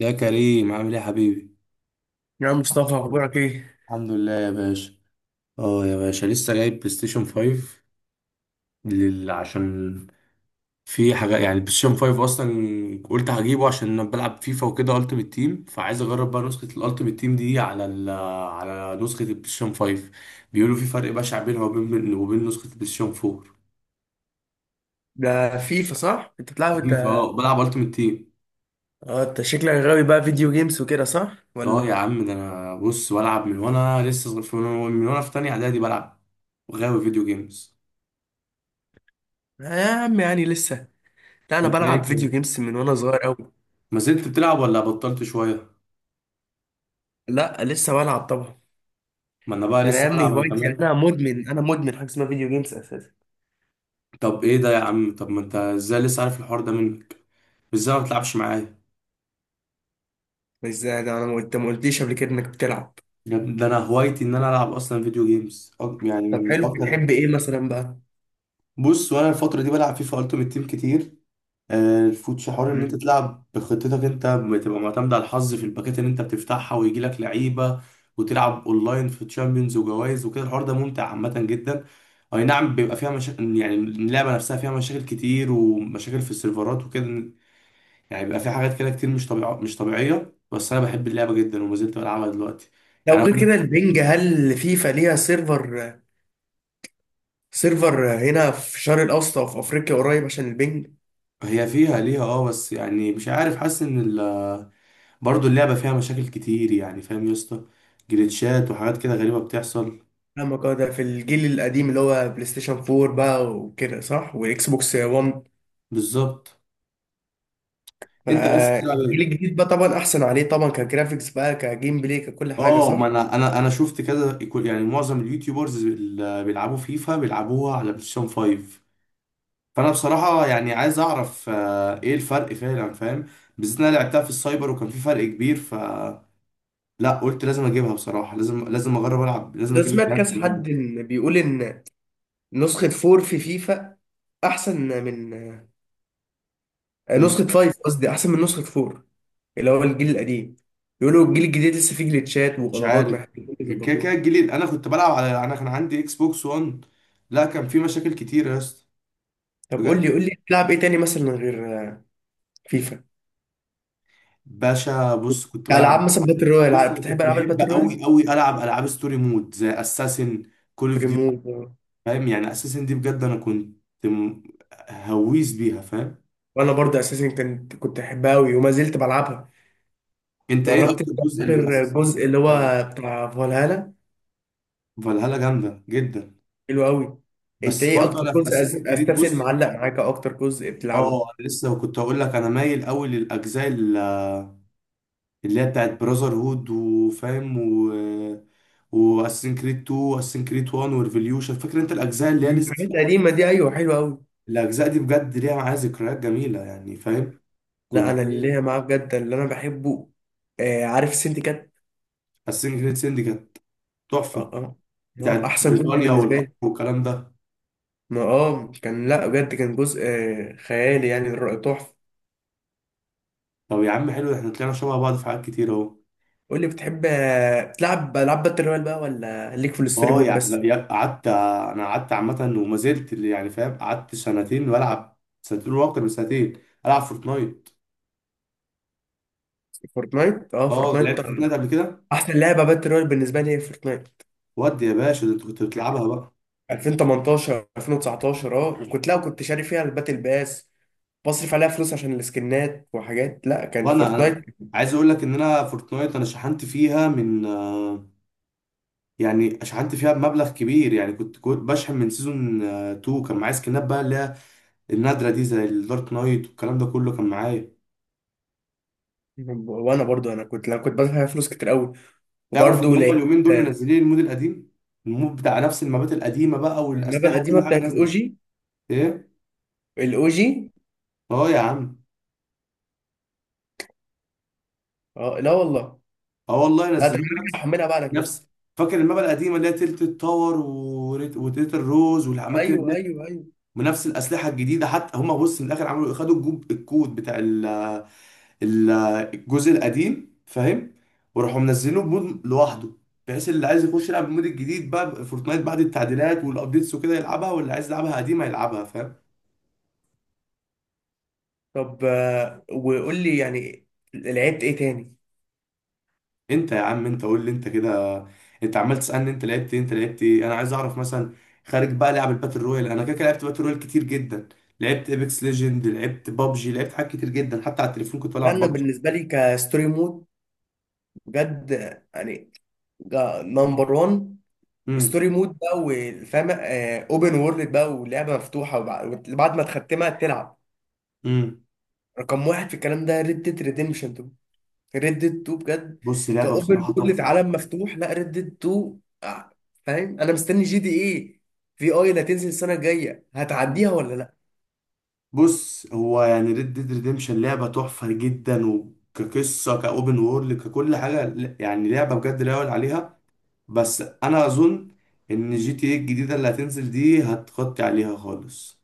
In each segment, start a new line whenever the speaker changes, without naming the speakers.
يا كريم، عامل ايه يا حبيبي؟
يا عم مصطفى اخبارك ايه؟
الحمد لله يا باشا. اه يا باشا، لسه جايب بلاي ستيشن 5 عشان في حاجه، يعني البلاي ستيشن 5 اصلا قلت هجيبه عشان انا بلعب فيفا وكده التيمت تيم، فعايز اجرب بقى نسخه الالتيمت تيم دي على على نسخه البلاي ستيشن 5. بيقولوا في فرق بشع بينها وبين نسخه البلاي ستيشن 4.
ده فيفا صح انت بتلعب
في
انت؟
فيفا اه بلعب التيمت تيم.
اه انت شكلك غاوي بقى فيديو جيمز وكده صح
اه يا
ولا؟
عم، ده انا بص بلعب من وانا لسه صغير، من وأنا في تانية اعدادي بلعب وغاوي فيديو جيمز.
آه يا عم يعني لسه. لا انا
انت
بلعب فيديو
ايه،
جيمز من وانا صغير قوي.
ما زلت بتلعب ولا بطلت شوية؟
لا لسه بلعب طبعا.
ما انا بقى
ده انا يا
لسه
ابني
بلعب انا
هوايتي،
كمان.
انا مدمن حاجه اسمها فيديو جيمز اساسا.
طب ايه ده يا عم؟ طب ما انت ازاي لسه عارف الحوار ده منك؟ ازاي ما بتلعبش معايا؟
مش زي ده، انا ما قلتليش قبل كده انك بتلعب؟
يا ابني ده انا هوايتي ان انا العب اصلا فيديو جيمز، يعني
طب
من
حلو،
اكتر.
بتحب ايه مثلا بقى؟
بص وانا الفترة دي بلعب فيفا التيمت تيم كتير. الفوتش، حوار ان انت
مم.
تلعب بخطتك، انت بتبقى معتمد على الحظ في الباكات اللي انت بتفتحها ويجي لك لعيبه، وتلعب اونلاين في تشامبيونز وجوائز وكده. الحوار ده ممتع عامه جدا. اي نعم، بيبقى فيها مشاكل، يعني اللعبه نفسها فيها مشاكل كتير ومشاكل في السيرفرات وكده. يعني بيبقى فيها حاجات كده كتير، مش طبيعيه مش طبيعيه، بس انا بحب اللعبه جدا وما زلت بلعبها دلوقتي. يعني
لو
انا بقول
غير كده
لك،
البنج، هل فيفا ليها سيرفر؟ سيرفر هنا في الشرق الاوسط او في افريقيا قريب عشان البنج.
هي فيها ليها اه، بس يعني مش عارف، حاسس ان برضه اللعبه فيها مشاكل كتير، يعني فاهم يا اسطى. جليتشات وحاجات كده غريبه بتحصل.
فاهمك، اه ده في الجيل القديم اللي هو بلاي ستيشن 4 بقى وكده صح، واكس بوكس 1.
بالظبط. انت بس بتلعب
فالجيل
ايه؟
الجديد بقى طبعا احسن عليه طبعا، كجرافيكس بقى، كجيم بلاي، ككل حاجه
اه ما
صح.
انا شفت كذا، يعني معظم اليوتيوبرز اللي بيلعبوا فيفا بيلعبوها على بلاي ستيشن 5. فانا بصراحه يعني عايز اعرف ايه الفرق فعلا، فاهم. بالذات إن انا لعبتها في السايبر وكان في فرق كبير. لا قلت لازم اجيبها بصراحه، لازم اجرب العب، لازم
لو
اجيب
سمعت
الجهاز
كذا
عامة.
حد إن بيقول ان نسخه 4 في فيفا احسن من
من
نسخه 5، قصدي احسن من نسخه 4، اللي هو الجيل القديم. بيقولوا الجيل الجديد لسه فيه جليتشات
مش
وغلطات
عارف.
محتاجين
كده كده
يظبطوها.
الجديد، انا كنت بلعب على انا كان عندي اكس بوكس 1. لا كان في مشاكل كتير يا اسطى،
طب قول
بجد.
لي قول لي بتلعب ايه تاني مثلا غير فيفا؟
باشا بص، كنت
العاب
بلعب.
مثلا باتل رويال،
بص انا
بتحب
كنت
العاب
بحب
الباتل رويال؟
قوي قوي العب العاب ستوري مود زي اساسن، كول اوف
ريمو.
ديوتي. فاهم، يعني اساسن دي بجد انا كنت م- هويس بيها، فاهم.
وانا برضه اساسا كنت احبها قوي وما زلت بلعبها.
انت ايه
جربت أنت
اكتر جزء
اخر
لاساسن
جزء
كريد؟
اللي هو بتاع فالهالا؟
فالهالا جامده جدا.
حلو قوي. انت
بس
ايه
برضه
اكتر
انا في
جزء
اساسن كريد،
استرسل
بص.
معلق معاك، أو اكتر جزء بتلعبه؟
اه انا لسه كنت هقول لك، انا مايل قوي للاجزاء اللي هي بتاعت براذر هود وفاهم، واساسن كريد 2 واساسن كريد 1 وريفوليوشن، فاكر انت الاجزاء اللي هي
مم،
لسه في
الحاجات
الاول.
القديمه دي، ايوه حلوه قوي.
الاجزاء دي بجد ليها معايا ذكريات جميله يعني، فاهم.
لا
كنت
انا اللي هي
ايه.
معاه بجد اللي انا بحبه، آه عارف سنتي كات؟
حاسين جريت سندي كانت
اه
تحفه،
اه.
بتاعت كانت
احسن جزء
بريطانيا جامدة
بالنسبه
والقمر
لي.
والكلام ده.
ما اه كان، لا بجد كان جزء خيالي يعني تحفه.
طب يا عم حلو، احنا طلعنا شبه بعض في حاجات كتير اهو.
قول لي بتحب تلعب العاب باتل رويال بقى ولا ليك في الستوري
اه
مود بس؟
لا، قعدت، انا قعدت عامه وما زلت اللي يعني، فاهم، قعدت سنتين بلعب، سنتين واكتر من سنتين العب فورتنايت.
فورتنايت اه
اه
فورتنايت
لعبت
طبعا.
فورتنايت قبل كده.
احسن لعبه باتل رويال بالنسبه لي هي فورتنايت
ودي يا باشا، ده انت كنت بتلعبها بقى.
2018 2019، اه وكنت، لا كنت شاري فيها الباتل باس بصرف عليها فلوس عشان السكنات وحاجات، لا كان
وانا
فورتنايت
انا عايز اقول لك ان انا فورتنايت انا شحنت فيها من يعني شحنت فيها بمبلغ كبير، يعني كنت بشحن من سيزون 2، كان معايا سكنات بقى اللي هي النادرة دي زي الدارك نايت والكلام ده كله كان معايا.
وانا برضو انا كنت، لا كنت بدفع فيها فلوس كتير قوي.
تعرف ان
وبرضو
هم
لقيت
اليومين دول منزلين المود القديم، المود بتاع نفس المابات القديمة بقى
المابا
والأسلحة
القديمه
وكل حاجة
بتاعت
نازلة.
الاوجي.
ايه؟
الاوجي.
اه يا عم.
اه لا والله.
اه والله،
لا ده انا
نزلوه
هرجع
نفس.
احملها بعد كده.
نفس، فاكر المابا القديمة اللي هي تلت التاور، وتلت الروز والأماكن
ايوه
اللي،
ايوه ايوه.
بنفس الأسلحة الجديدة. حتى هم بص من الآخر عملوا خدوا الكود بتاع ال- الجزء القديم، فاهم. وراحوا منزلينه بمود لوحده، بحيث اللي عايز يخش يلعب المود الجديد بقى فورتنايت بعد التعديلات والابديتس وكده يلعبها، واللي عايز يلعبها قديمه يلعبها، فاهم.
طب وقول لي يعني لعبت ايه تاني؟
انت يا عم، انت قول لي انت كده، انت عمال تسالني انت لعبت ايه، انت لعبت ايه. انا عايز اعرف مثلا، خارج بقى لعب الباتل رويال، انا كده كده لعبت باتل رويال كتير جدا، لعبت ايبكس ليجند، لعبت بابجي، لعبت حاجات كتير جدا، حتى على التليفون كنت بلعب
انا
بابجي.
بالنسبه لي كستوري مود بجد، يعني نمبر 1.
امم.
ستوري مود بقى والفاهم، اوبن وورلد بقى ولعبه مفتوحه، وبعد ما تختمها تلعب.
امم.
رقم واحد في الكلام ده ريد ديد ريديمشن 2، ريد ديد 2 بجد.
بص، لعبه
كاوبن
بصراحه
وورلد
تحفه.
عالم مفتوح، لا ريد ديد 2 فاهم؟ انا مستني جي دي ايه، في اي اللي هتنزل السنه الجايه، هتعديها ولا لا؟
بص هو يعني ريد ديد ريديمشن لعبة تحفة جدا، وكقصة، كأوبن وورلد، ككل حاجة يعني لعبة بجد لا يعلى عليها. بس أنا أظن إن جي تي إيه الجديدة اللي هتنزل دي هتغطي عليها خالص،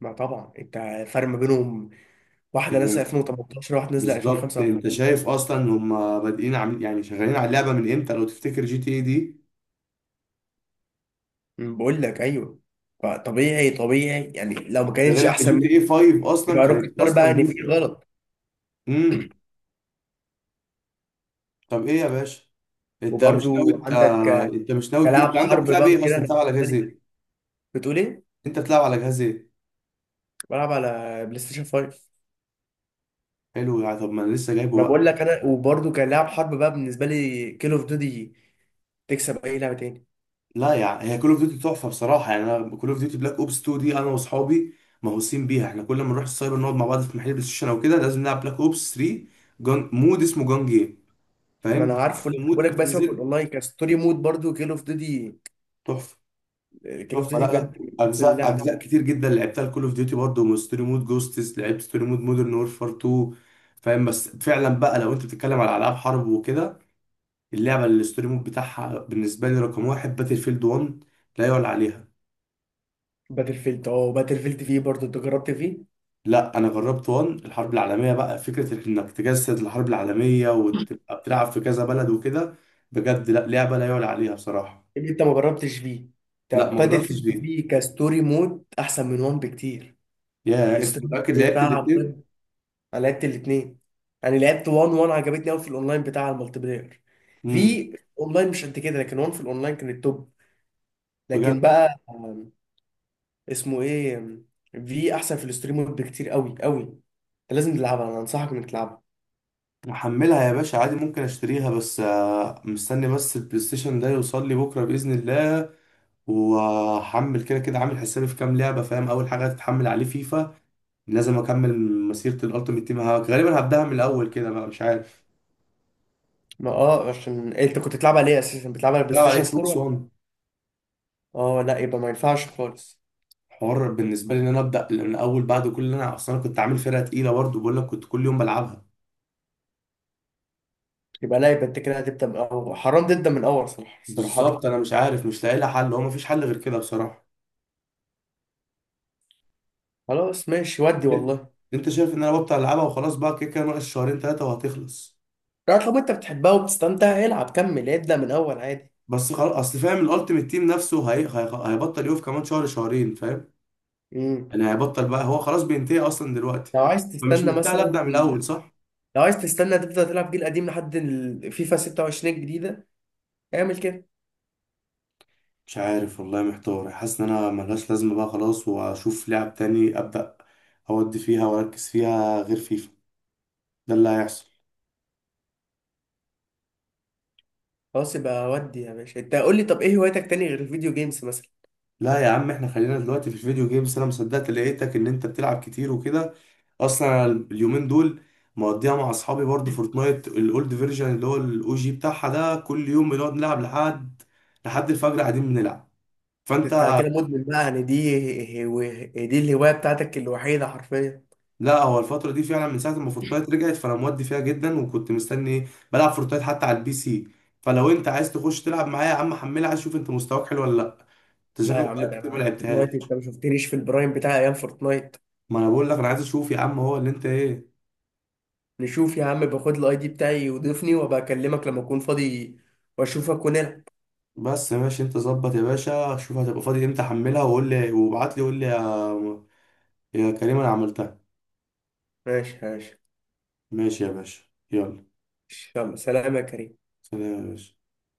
ما طبعا انت الفرق ما بينهم، واحده نازله
يعني.
2018 واحده نازله
بالظبط. أنت
2025.
شايف أصلا إن هما بادئين عاملين يعني شغالين على اللعبة من إمتى لو تفتكر جي تي إيه دي.
بقول لك ايوه. فطبيعي طبيعي يعني لو ما
ده
كانتش
غير إن جي
احسن
تي إيه 5 أصلا
يبقى روك
كانت
ستار بقى
أصلا
ان في
جزء.
غلط.
امم. طب إيه يا باشا؟ أنت مش ناوي،
وبرضو
أنت
عندك
أنت مش ناوي
كلاعب
أنت عندك
حرب
بتلعب
بقى
إيه
وكده،
أصلا؟
انا
بتلعب على
بالنسبه
جهاز
لي.
إيه؟
بتقول ايه؟
أنت بتلعب على جهاز إيه؟
بلعب على بلاي ستيشن 5.
حلو يعني، طب ما انا لسه جايبه
انا
بقى.
بقول لك انا، وبرضو كلاعب حرب بقى بالنسبه لي كيل اوف ديوتي تكسب اي لعبه تاني.
لا يعني هي كول اوف ديوتي تحفه بصراحه، يعني انا كول اوف ديوتي بلاك اوبس 2 دي، انا واصحابي مهووسين بيها، احنا كل ما نروح السايبر نقعد مع بعض في محل بلاي ستيشن او كده لازم نلعب بلاك اوبس 3. مود اسمه جان جيم، فاهم
ما انا
جان جيم
عارفه،
ده
لسه
مود
بقول لك، بس سيبك من
بتنزل.
الاونلاين، كستوري مود برضو كيل اوف ديوتي.
تحفه،
كيل اوف
تحفه.
ديوتي
لا، لا،
بجد من احسن
اجزاء
لعب.
اجزاء كتير جدا لعبتها الكول اوف ديوتي برضه ستوري مود جوستس، لعبت ستوري مود مودرن وورفار 2، فاهم. بس فعلا بقى لو انت بتتكلم على العاب حرب وكده، اللعبه اللي الستوري مود بتاعها بالنسبه لي رقم واحد باتل فيلد 1، لا يعلى عليها.
باتل فيلد، اه باتل فيلد فيه برضو انت، جربت فيه؟ إيه
لا انا جربت وان، الحرب العالميه بقى، فكره انك تجسد الحرب العالميه وتبقى بتلعب في كذا بلد وكده، بجد لا، لعبه لا يعلى عليها بصراحه.
اللي انت ما جربتش فيه؟
لا
طب
ما
باتل
جربتش
فيلد
دي.
فيه كستوري مود احسن من وان بكتير،
يا انت
الستوري
متاكد
مود
لعبت
بتاعها
الاثنين؟
بجد. انا لعبت الاثنين، انا لعبت 1، 1 عجبتني قوي في الاونلاين بتاع المالتي بلاير،
امم.
في اونلاين مش قد كده، لكن 1 في الاونلاين كان التوب. لكن
بجد.
بقى اسمه ايه؟ في احسن، في الستريم مود بكتير قوي قوي، انت لازم تلعبها، انا انصحك انك تلعبها.
محملها يا باشا عادي، ممكن اشتريها، بس مستني بس البلاي ستيشن ده يوصل لي بكره باذن الله، وهحمل كده كده، عامل حسابي في كام لعبه فاهم. اول حاجه هتتحمل عليه فيفا، لازم اكمل مسيره الالتيميت تيم، غالبا هبداها من الاول كده بقى، مش عارف.
ما اه عشان إيه، انت كنت بتلعبها ليه اساسا؟ بتلعبها على بلاي
بلعب على
ستيشن
اكس
4
بوكس.
ولا؟ اه لا يبقى ما ينفعش خالص.
حوار بالنسبه لي ان انا ابدا من اول بعد كل اللي انا اصلا، أنا كنت عامل فرقه تقيله برضه بقول لك، كنت كل يوم بلعبها.
يبقى لا يبقى انت كده هتبدا من اول، حرام تبدا من اول صراحه صراحه.
بالظبط، انا مش عارف مش لاقي لها حل، هو مفيش حل غير كده بصراحه.
خلاص ماشي، ودي
انت
والله.
أنت شايف ان انا ببطل العبها وخلاص بقى، كده كده ناقص شهرين ثلاثه وهتخلص.
لا طب انت بتحبها وبتستمتع، العب كمل، ابدا من اول عادي.
بس خلاص، اصل فاهم الالتيميت تيم نفسه هيبطل يقف كمان شهر شهرين، فاهم.
امم.
انا، هيبطل بقى، هو خلاص بينتهي اصلا دلوقتي.
لو عايز
فمش
تستنى
مستاهل
مثلا،
ابدا من الاول، صح؟
لو عايز تستنى تفضل تلعب جيل قديم لحد الفيفا 26 الجديدة، اعمل كده.
مش عارف والله، محتار، حاسس ان انا ملهاش لازمه بقى خلاص، واشوف لعب تاني ابدا اودي فيها واركز فيها غير فيفا. ده اللي هيحصل.
خلاص يبقى، ودي يا باشا، انت قول لي طب ايه هوايتك تاني غير الفيديو جيمز مثلا؟
لا يا عم، احنا خلينا دلوقتي في الفيديو جيمز، انا مصدقت لقيتك ان انت بتلعب كتير وكده. اصلا أنا اليومين دول مقضيها مع اصحابي برضه فورتنايت الاولد فيرجن اللي هو الاو جي بتاعها ده، كل يوم بنقعد نلعب لحد الفجر قاعدين بنلعب، فانت.
انت على كده مدمن بقى يعني، دي الهواية بتاعتك الوحيدة حرفيا.
لا هو الفترة دي فعلا من ساعة ما فورتنايت رجعت فانا مودي فيها جدا، وكنت مستني ايه، بلعب فورتنايت حتى على البي سي. فلو انت عايز تخش تلعب معايا يا عم، حملها شوف انت مستواك حلو ولا لا، انت
لا يا
شكلك
عم،
بقالك
ده
كتير ما
انا فورتنايت،
لعبتهاش.
انت ما شفتنيش في البرايم بتاع ايام فورتنايت.
ما انا بقول لك، انا عايز اشوف يا عم هو اللي انت ايه.
نشوف يا عم، باخد الاي دي بتاعي وضيفني وابقى اكلمك لما اكون فاضي واشوفك ونلعب.
بس ماشي، انت ظبط يا باشا، شوف هتبقى فاضي امتى، حملها وقول لي وابعت لي وقول لي يا كريم انا عملتها.
ماشي ماشي.
ماشي يا باشا. يلا،
يلا سلام يا كريم.
سلام يا باشا.